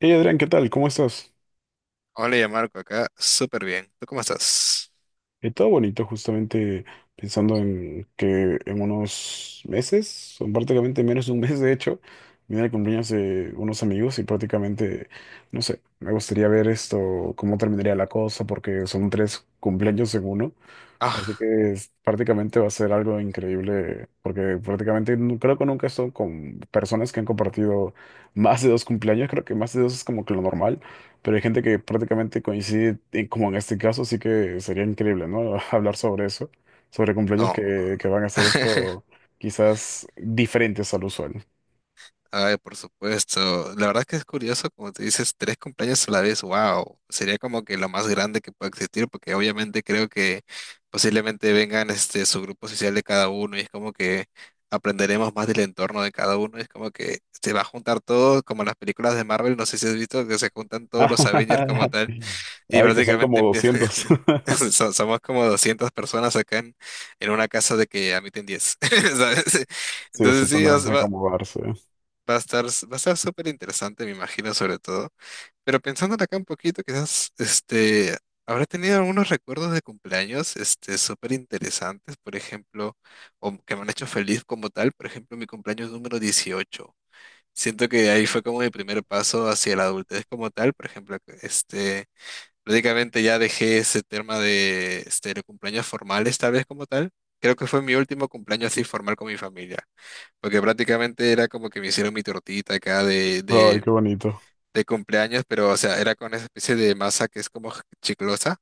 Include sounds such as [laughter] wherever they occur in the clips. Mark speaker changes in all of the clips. Speaker 1: Hey Adrián, ¿qué tal? ¿Cómo estás?
Speaker 2: Hola, ya Marco, acá súper bien. ¿Tú cómo estás?
Speaker 1: Todo bonito, justamente pensando en que en unos meses, son prácticamente menos de un mes de hecho, viene el cumpleaños de unos amigos y prácticamente, no sé, me gustaría ver esto, cómo terminaría la cosa, porque son tres cumpleaños en uno. Así
Speaker 2: Ah,
Speaker 1: que prácticamente va a ser algo increíble, porque prácticamente creo que nunca he estado con personas que han compartido [laughs] más de dos cumpleaños, creo que más de dos es como que lo normal, pero hay gente que prácticamente coincide, y como en este caso, sí que sería increíble, ¿no? [laughs] Hablar sobre eso, sobre cumpleaños
Speaker 2: no.
Speaker 1: que van a hacer
Speaker 2: [laughs]
Speaker 1: esto quizás diferentes al usual.
Speaker 2: Ay, por supuesto. La verdad es que es curioso, como te dices, tres cumpleaños a la vez, wow. Sería como que lo más grande que pueda existir, porque obviamente creo que posiblemente vengan este su grupo social de cada uno y es como que aprenderemos más del entorno de cada uno. Es como que se va a juntar todo, como en las películas de Marvel, no sé si has visto que se juntan todos los Avengers como tal.
Speaker 1: [laughs]
Speaker 2: Y
Speaker 1: Ay, que son
Speaker 2: prácticamente
Speaker 1: como
Speaker 2: empieza,
Speaker 1: 200.
Speaker 2: [laughs]
Speaker 1: [laughs]
Speaker 2: somos como 200 personas acá en una casa de que admiten 10. [laughs] ¿Sabes?
Speaker 1: Sí, o sí
Speaker 2: Entonces sí, o
Speaker 1: tendrán
Speaker 2: sea,
Speaker 1: que
Speaker 2: va,
Speaker 1: acomodarse.
Speaker 2: va a estar, va a estar súper interesante, me imagino, sobre todo. Pero pensando acá un poquito, quizás, este, habrá tenido algunos recuerdos de cumpleaños, este, súper interesantes, por ejemplo, o que me han hecho feliz como tal. Por ejemplo, mi cumpleaños número 18. Siento que ahí fue como mi primer paso hacia la adultez como tal. Por ejemplo, este... prácticamente ya dejé ese tema de este, de cumpleaños formales, tal vez como tal. Creo que fue mi último cumpleaños así formal con mi familia, porque prácticamente era como que me hicieron mi tortita acá
Speaker 1: Ay, qué bonito.
Speaker 2: de cumpleaños, pero o sea, era con esa especie de masa que es como chiclosa,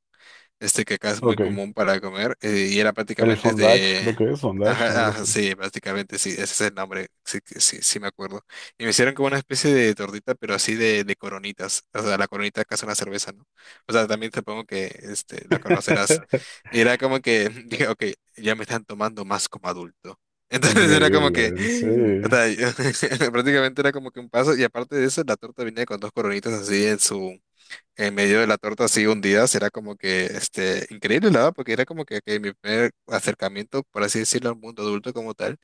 Speaker 2: este, que acá es muy
Speaker 1: Ok.
Speaker 2: común para comer, y era
Speaker 1: El
Speaker 2: prácticamente
Speaker 1: Fondage, creo
Speaker 2: de...
Speaker 1: que es Fondage o
Speaker 2: Ajá,
Speaker 1: algo
Speaker 2: ajá,
Speaker 1: así.
Speaker 2: sí, prácticamente sí, ese es el nombre, sí, sí, sí, me acuerdo. Y me hicieron como una especie de tortita, pero así de coronitas, o sea, la coronita acá es una cerveza, ¿no? O sea, también supongo que este, la conocerás.
Speaker 1: [laughs]
Speaker 2: Y era como que [laughs] dije, ok, ya me están tomando más como adulto. [laughs] Entonces era como que,
Speaker 1: Increíble, sí.
Speaker 2: [gasps] o sea, [laughs] prácticamente era como que un paso, y aparte de eso, la torta venía con dos coronitas así en su en medio de la torta, así hundidas. Era como que este, increíble, la verdad, porque era como que mi primer acercamiento, por así decirlo, al mundo adulto como tal.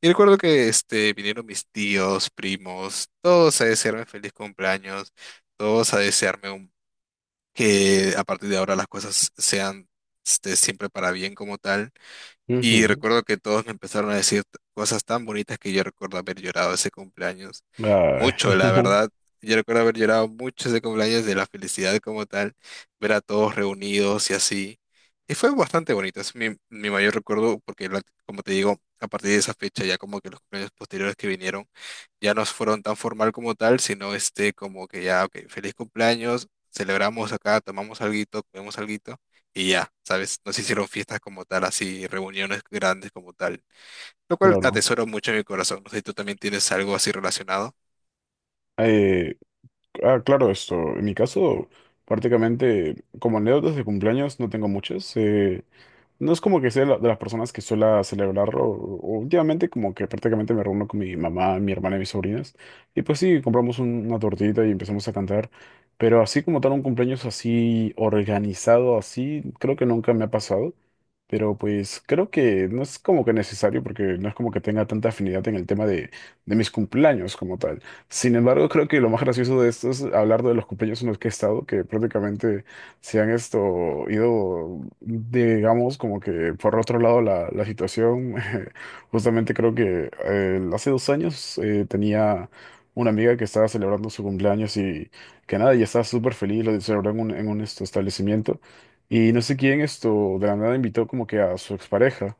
Speaker 2: Y recuerdo que este, vinieron mis tíos, primos, todos a desearme feliz cumpleaños, todos a desearme que a partir de ahora las cosas sean este, siempre para bien como tal. Y
Speaker 1: Ujú.
Speaker 2: recuerdo que todos me empezaron a decir cosas tan bonitas que yo recuerdo haber llorado ese cumpleaños.
Speaker 1: Ay,
Speaker 2: Mucho, la
Speaker 1: [laughs]
Speaker 2: verdad. Yo recuerdo haber llorado mucho ese cumpleaños, de la felicidad como tal, ver a todos reunidos y así. Y fue bastante bonito, es mi, mi mayor recuerdo porque, como te digo, a partir de esa fecha ya como que los cumpleaños posteriores que vinieron ya no fueron tan formal como tal, sino este como que ya, ok, feliz cumpleaños, celebramos acá, tomamos alguito, comemos algo y ya, ¿sabes? No se hicieron fiestas como tal, así, reuniones grandes como tal, lo cual
Speaker 1: claro.
Speaker 2: atesoro mucho en mi corazón. No sé si tú también tienes algo así relacionado.
Speaker 1: Eh, claro, esto. En mi caso, prácticamente, como anécdotas de cumpleaños, no tengo muchas. No es como que sea de las personas que suele celebrarlo. Últimamente como que prácticamente me reúno con mi mamá, mi hermana y mis sobrinas. Y pues sí, compramos una tortita y empezamos a cantar. Pero así como tal un cumpleaños así organizado, así, creo que nunca me ha pasado. Pero pues creo que no es como que necesario porque no es como que tenga tanta afinidad en el tema de mis cumpleaños como tal. Sin embargo, creo que lo más gracioso de esto es hablar de los cumpleaños en los que he estado, que prácticamente se han esto ido, digamos, como que por otro lado la situación. [laughs] Justamente creo que hace 2 años tenía una amiga que estaba celebrando su cumpleaños y que nada, ya estaba súper feliz, lo celebró en en un esto, establecimiento. Y no sé quién esto de la nada invitó como que a su expareja.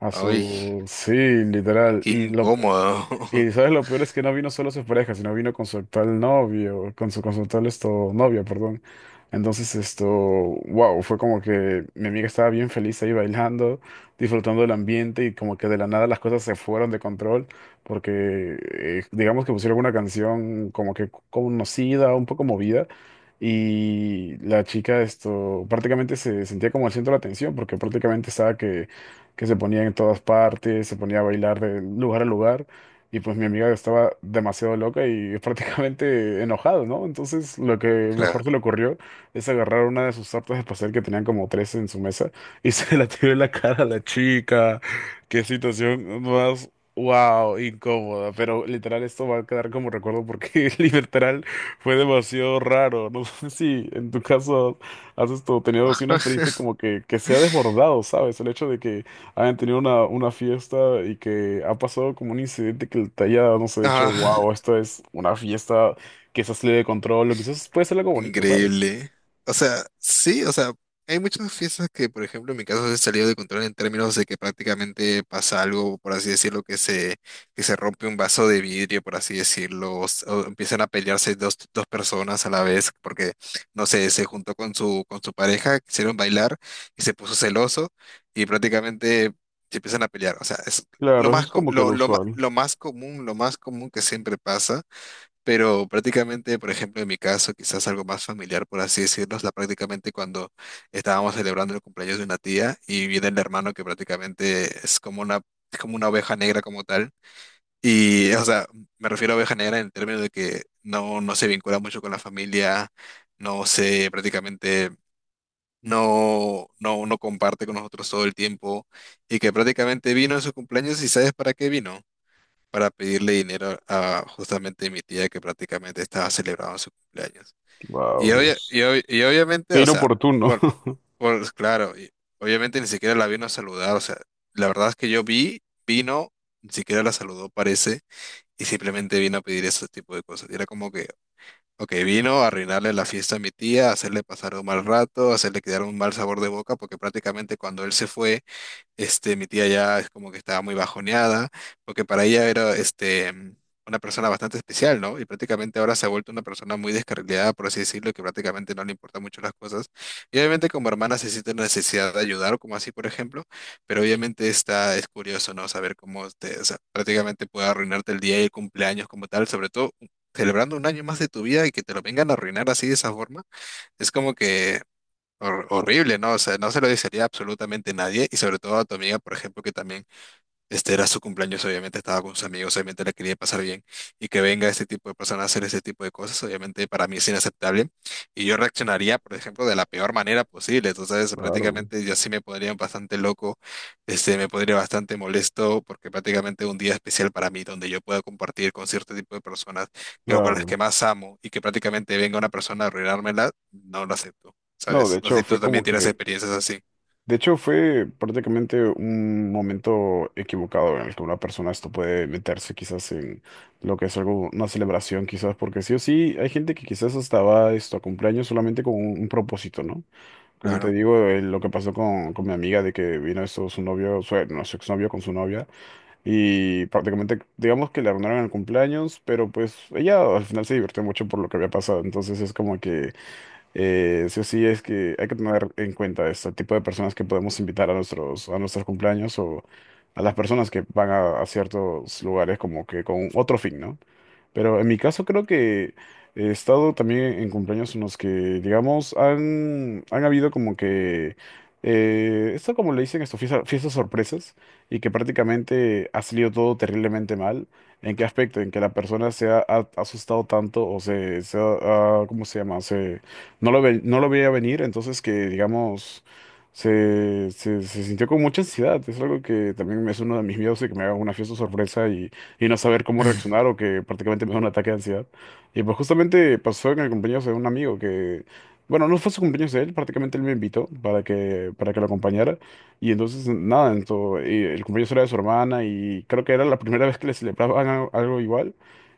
Speaker 1: A
Speaker 2: Ay,
Speaker 1: su, sí, literal.
Speaker 2: qué
Speaker 1: Y lo,
Speaker 2: incómodo. [laughs]
Speaker 1: y sabes, lo peor es que no vino solo su pareja, sino vino con su actual novio, con con su actual esto, novia, perdón. Entonces, esto, wow, fue como que mi amiga estaba bien feliz ahí bailando, disfrutando del ambiente y como que de la nada las cosas se fueron de control porque digamos que pusieron una canción como que conocida, un poco movida y la chica esto prácticamente se sentía como el centro de la atención porque prácticamente estaba que se ponía en todas partes, se ponía a bailar de lugar a lugar. Y pues mi amiga estaba demasiado loca y [laughs] prácticamente enojada, ¿no? Entonces lo que mejor se
Speaker 2: Claro.
Speaker 1: le ocurrió es agarrar una de sus tartas de pastel que tenían como tres en su mesa y [laughs] se la tiró en la cara a la chica. Qué situación más, wow, incómoda. Pero literal esto va a quedar como recuerdo porque [laughs] literal fue demasiado raro. No sé si en tu caso has esto, tenido así una experiencia como que se ha desbordado, ¿sabes? El hecho de que hayan tenido una fiesta y que ha pasado como un incidente que te haya, no sé, dicho,
Speaker 2: Ah.
Speaker 1: wow, esto es una fiesta que se salido de control, o quizás puede ser algo bonito, ¿sabes?
Speaker 2: Increíble. O sea, sí, o sea, hay muchas fiestas que, por ejemplo, en mi caso se han salido de control en términos de que prácticamente pasa algo, por así decirlo, que se rompe un vaso de vidrio, por así decirlo, o, o empiezan a pelearse dos personas a la vez porque, no sé, se juntó con su pareja, quisieron bailar y se puso celoso y prácticamente se empiezan a pelear. O sea, es
Speaker 1: Claro, eso es como que lo usual.
Speaker 2: lo más común que siempre pasa. Pero prácticamente, por ejemplo, en mi caso, quizás algo más familiar, por así decirlo, es la prácticamente cuando estábamos celebrando el cumpleaños de una tía y viene el hermano que prácticamente es como es como una oveja negra como tal. Y, o sea, me refiero a oveja negra en el término de que no se vincula mucho con la familia, no se prácticamente, no, no, no comparte con nosotros todo el tiempo y que prácticamente vino en su cumpleaños y ¿sabes para qué vino? Para pedirle dinero a justamente mi tía, que prácticamente estaba celebrando su cumpleaños. Y,
Speaker 1: Wow,
Speaker 2: obvia-
Speaker 1: Dios.
Speaker 2: y, ob- y obviamente,
Speaker 1: Qué
Speaker 2: o sea,
Speaker 1: inoportuno.
Speaker 2: por,
Speaker 1: [laughs]
Speaker 2: por claro, y obviamente ni siquiera la vino a saludar, o sea, la verdad es que yo vino, ni siquiera la saludó, parece, y simplemente vino a pedir ese tipo de cosas. Y era como que, ok, vino a arruinarle la fiesta a mi tía, a hacerle pasar un mal rato, a hacerle quedar un mal sabor de boca, porque prácticamente cuando él se fue, este, mi tía ya es como que estaba muy bajoneada, porque para ella era este, una persona bastante especial, ¿no? Y prácticamente ahora se ha vuelto una persona muy descarrilada, por así decirlo, que prácticamente no le importan mucho las cosas. Y obviamente como hermana se siente la necesidad de ayudar, como así, por ejemplo, pero obviamente está, es curioso, ¿no? Saber cómo te, o sea, prácticamente puede arruinarte el día y el cumpleaños como tal, sobre todo celebrando un año más de tu vida y que te lo vengan a arruinar así de esa forma. Es como que horrible, ¿no? O sea, no se lo desearía a absolutamente nadie y sobre todo a tu amiga, por ejemplo, que también este era su cumpleaños, obviamente estaba con sus amigos, obviamente la quería pasar bien. Y que venga este tipo de personas a hacer ese tipo de cosas, obviamente para mí es inaceptable. Y yo reaccionaría, por ejemplo, de la peor manera posible. Entonces,
Speaker 1: Claro,
Speaker 2: prácticamente yo sí me pondría bastante loco, este, me pondría bastante molesto, porque prácticamente un día especial para mí, donde yo pueda compartir con cierto tipo de personas que, con las
Speaker 1: claro.
Speaker 2: que más amo, y que prácticamente venga una persona a arruinármela, no lo acepto,
Speaker 1: No, de
Speaker 2: ¿sabes? No sé
Speaker 1: hecho,
Speaker 2: si tú
Speaker 1: fue
Speaker 2: también
Speaker 1: como
Speaker 2: tienes
Speaker 1: que
Speaker 2: experiencias así.
Speaker 1: de hecho, fue prácticamente un momento equivocado en el que una persona esto puede meterse quizás en lo que es algo, una celebración quizás, porque sí o sí hay gente que quizás hasta va esto a cumpleaños solamente con un propósito, ¿no? Como te
Speaker 2: Claro.
Speaker 1: digo, lo que pasó con mi amiga de que vino esto su novio, su, no, su exnovio con su novia y prácticamente digamos que le arruinaron el cumpleaños, pero pues ella al final se divirtió mucho por lo que había pasado, entonces es como que sí o sí es que hay que tener en cuenta este tipo de personas que podemos invitar a nuestros cumpleaños o a las personas que van a ciertos lugares como que con otro fin, ¿no? Pero en mi caso creo que he estado también en cumpleaños en los que, digamos, han habido como que, esto como le dicen esto, fiestas sorpresas, y que prácticamente ha salido todo terriblemente mal. ¿En qué aspecto? En que la persona ha asustado tanto o ¿cómo se llama? Se, no lo veía venir, entonces que, digamos, se sintió con mucha ansiedad. Es algo que también es uno de mis miedos de que me haga una fiesta sorpresa y no saber cómo
Speaker 2: Mm.
Speaker 1: reaccionar o que prácticamente me da un ataque de ansiedad. Y pues justamente pasó en el cumpleaños de un amigo que, bueno, no fue su cumpleaños de él, prácticamente él me invitó para para que lo acompañara. Y entonces, nada, entonces el cumpleaños era de su hermana y creo que era la primera vez que le celebraban algo igual.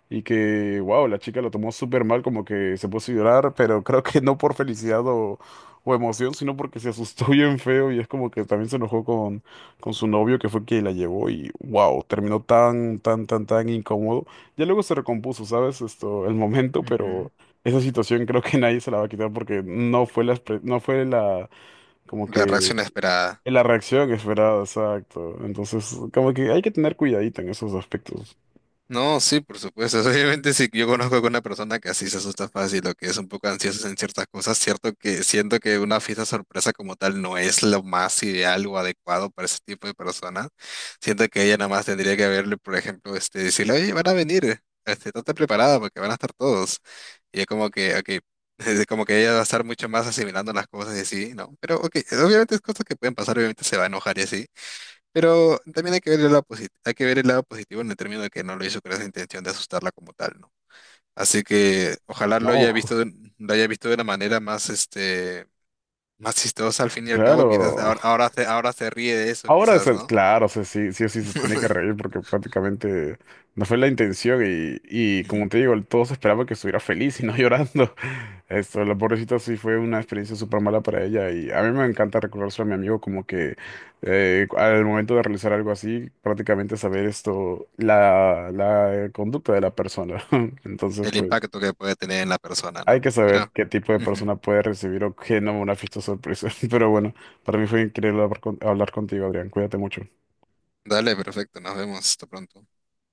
Speaker 1: Y que, wow, la chica lo tomó súper mal, como que se puso a llorar, pero creo que no por felicidad o emoción, sino porque se asustó bien feo y es como que también se enojó con su novio que fue quien la llevó y wow, terminó tan incómodo. Ya luego se recompuso, ¿sabes? Esto, el momento,
Speaker 2: Ujú.
Speaker 1: pero esa situación creo que [laughs] nadie se la va a quitar porque no fue no fue la, como
Speaker 2: La reacción
Speaker 1: que
Speaker 2: esperada.
Speaker 1: la reacción esperada, exacto. Entonces, como que hay que tener cuidadito en esos aspectos. [laughs]
Speaker 2: No, sí, por supuesto. [laughs] Obviamente, si yo conozco a una persona que así se asusta fácil o que es un poco ansiosa en ciertas cosas, cierto que siento que una fiesta sorpresa como tal no es lo más ideal o adecuado para ese tipo de personas. Siento que ella nada más tendría que verle, por ejemplo, este, decirle, oye, van a venir, este, estate preparada porque van a estar todos. Y es como que, ok, [laughs] es como que ella va a estar mucho más asimilando las cosas y así, ¿no? Pero, ok, obviamente es cosas que pueden pasar, obviamente se va a enojar y así. Pero también hay que ver el lado positivo, hay que ver el lado positivo en el término de que no lo hizo con esa intención de asustarla como tal, ¿no? Así que ojalá lo haya
Speaker 1: No,
Speaker 2: visto lo haya visto de una manera más este, más chistosa al fin y al cabo. Quizás
Speaker 1: claro.
Speaker 2: ahora se ríe de eso,
Speaker 1: Ahora, o
Speaker 2: quizás,
Speaker 1: sea,
Speaker 2: ¿no?
Speaker 1: claro, o sea, sí, sí o sí se tiene que reír
Speaker 2: [laughs]
Speaker 1: porque prácticamente no fue la intención y
Speaker 2: Ujú.
Speaker 1: como te digo, todos esperaban que estuviera feliz y no [laughs] llorando. Esto, la pobrecita sí fue una experiencia súper mala para ella y a mí me encanta recordárselo a mi amigo como que al momento de realizar algo así, prácticamente saber esto, la conducta de la persona. [laughs] Entonces,
Speaker 2: El
Speaker 1: pues,
Speaker 2: impacto que puede tener en la persona,
Speaker 1: hay
Speaker 2: ¿no?
Speaker 1: que saber
Speaker 2: Pero
Speaker 1: qué tipo de
Speaker 2: ujú.
Speaker 1: persona puede recibir o qué no una fiesta sorpresa. [laughs] Pero bueno, para mí fue increíble hablar hablar contigo, Adrián. Cuídate mucho.
Speaker 2: Dale, perfecto, nos vemos, hasta pronto.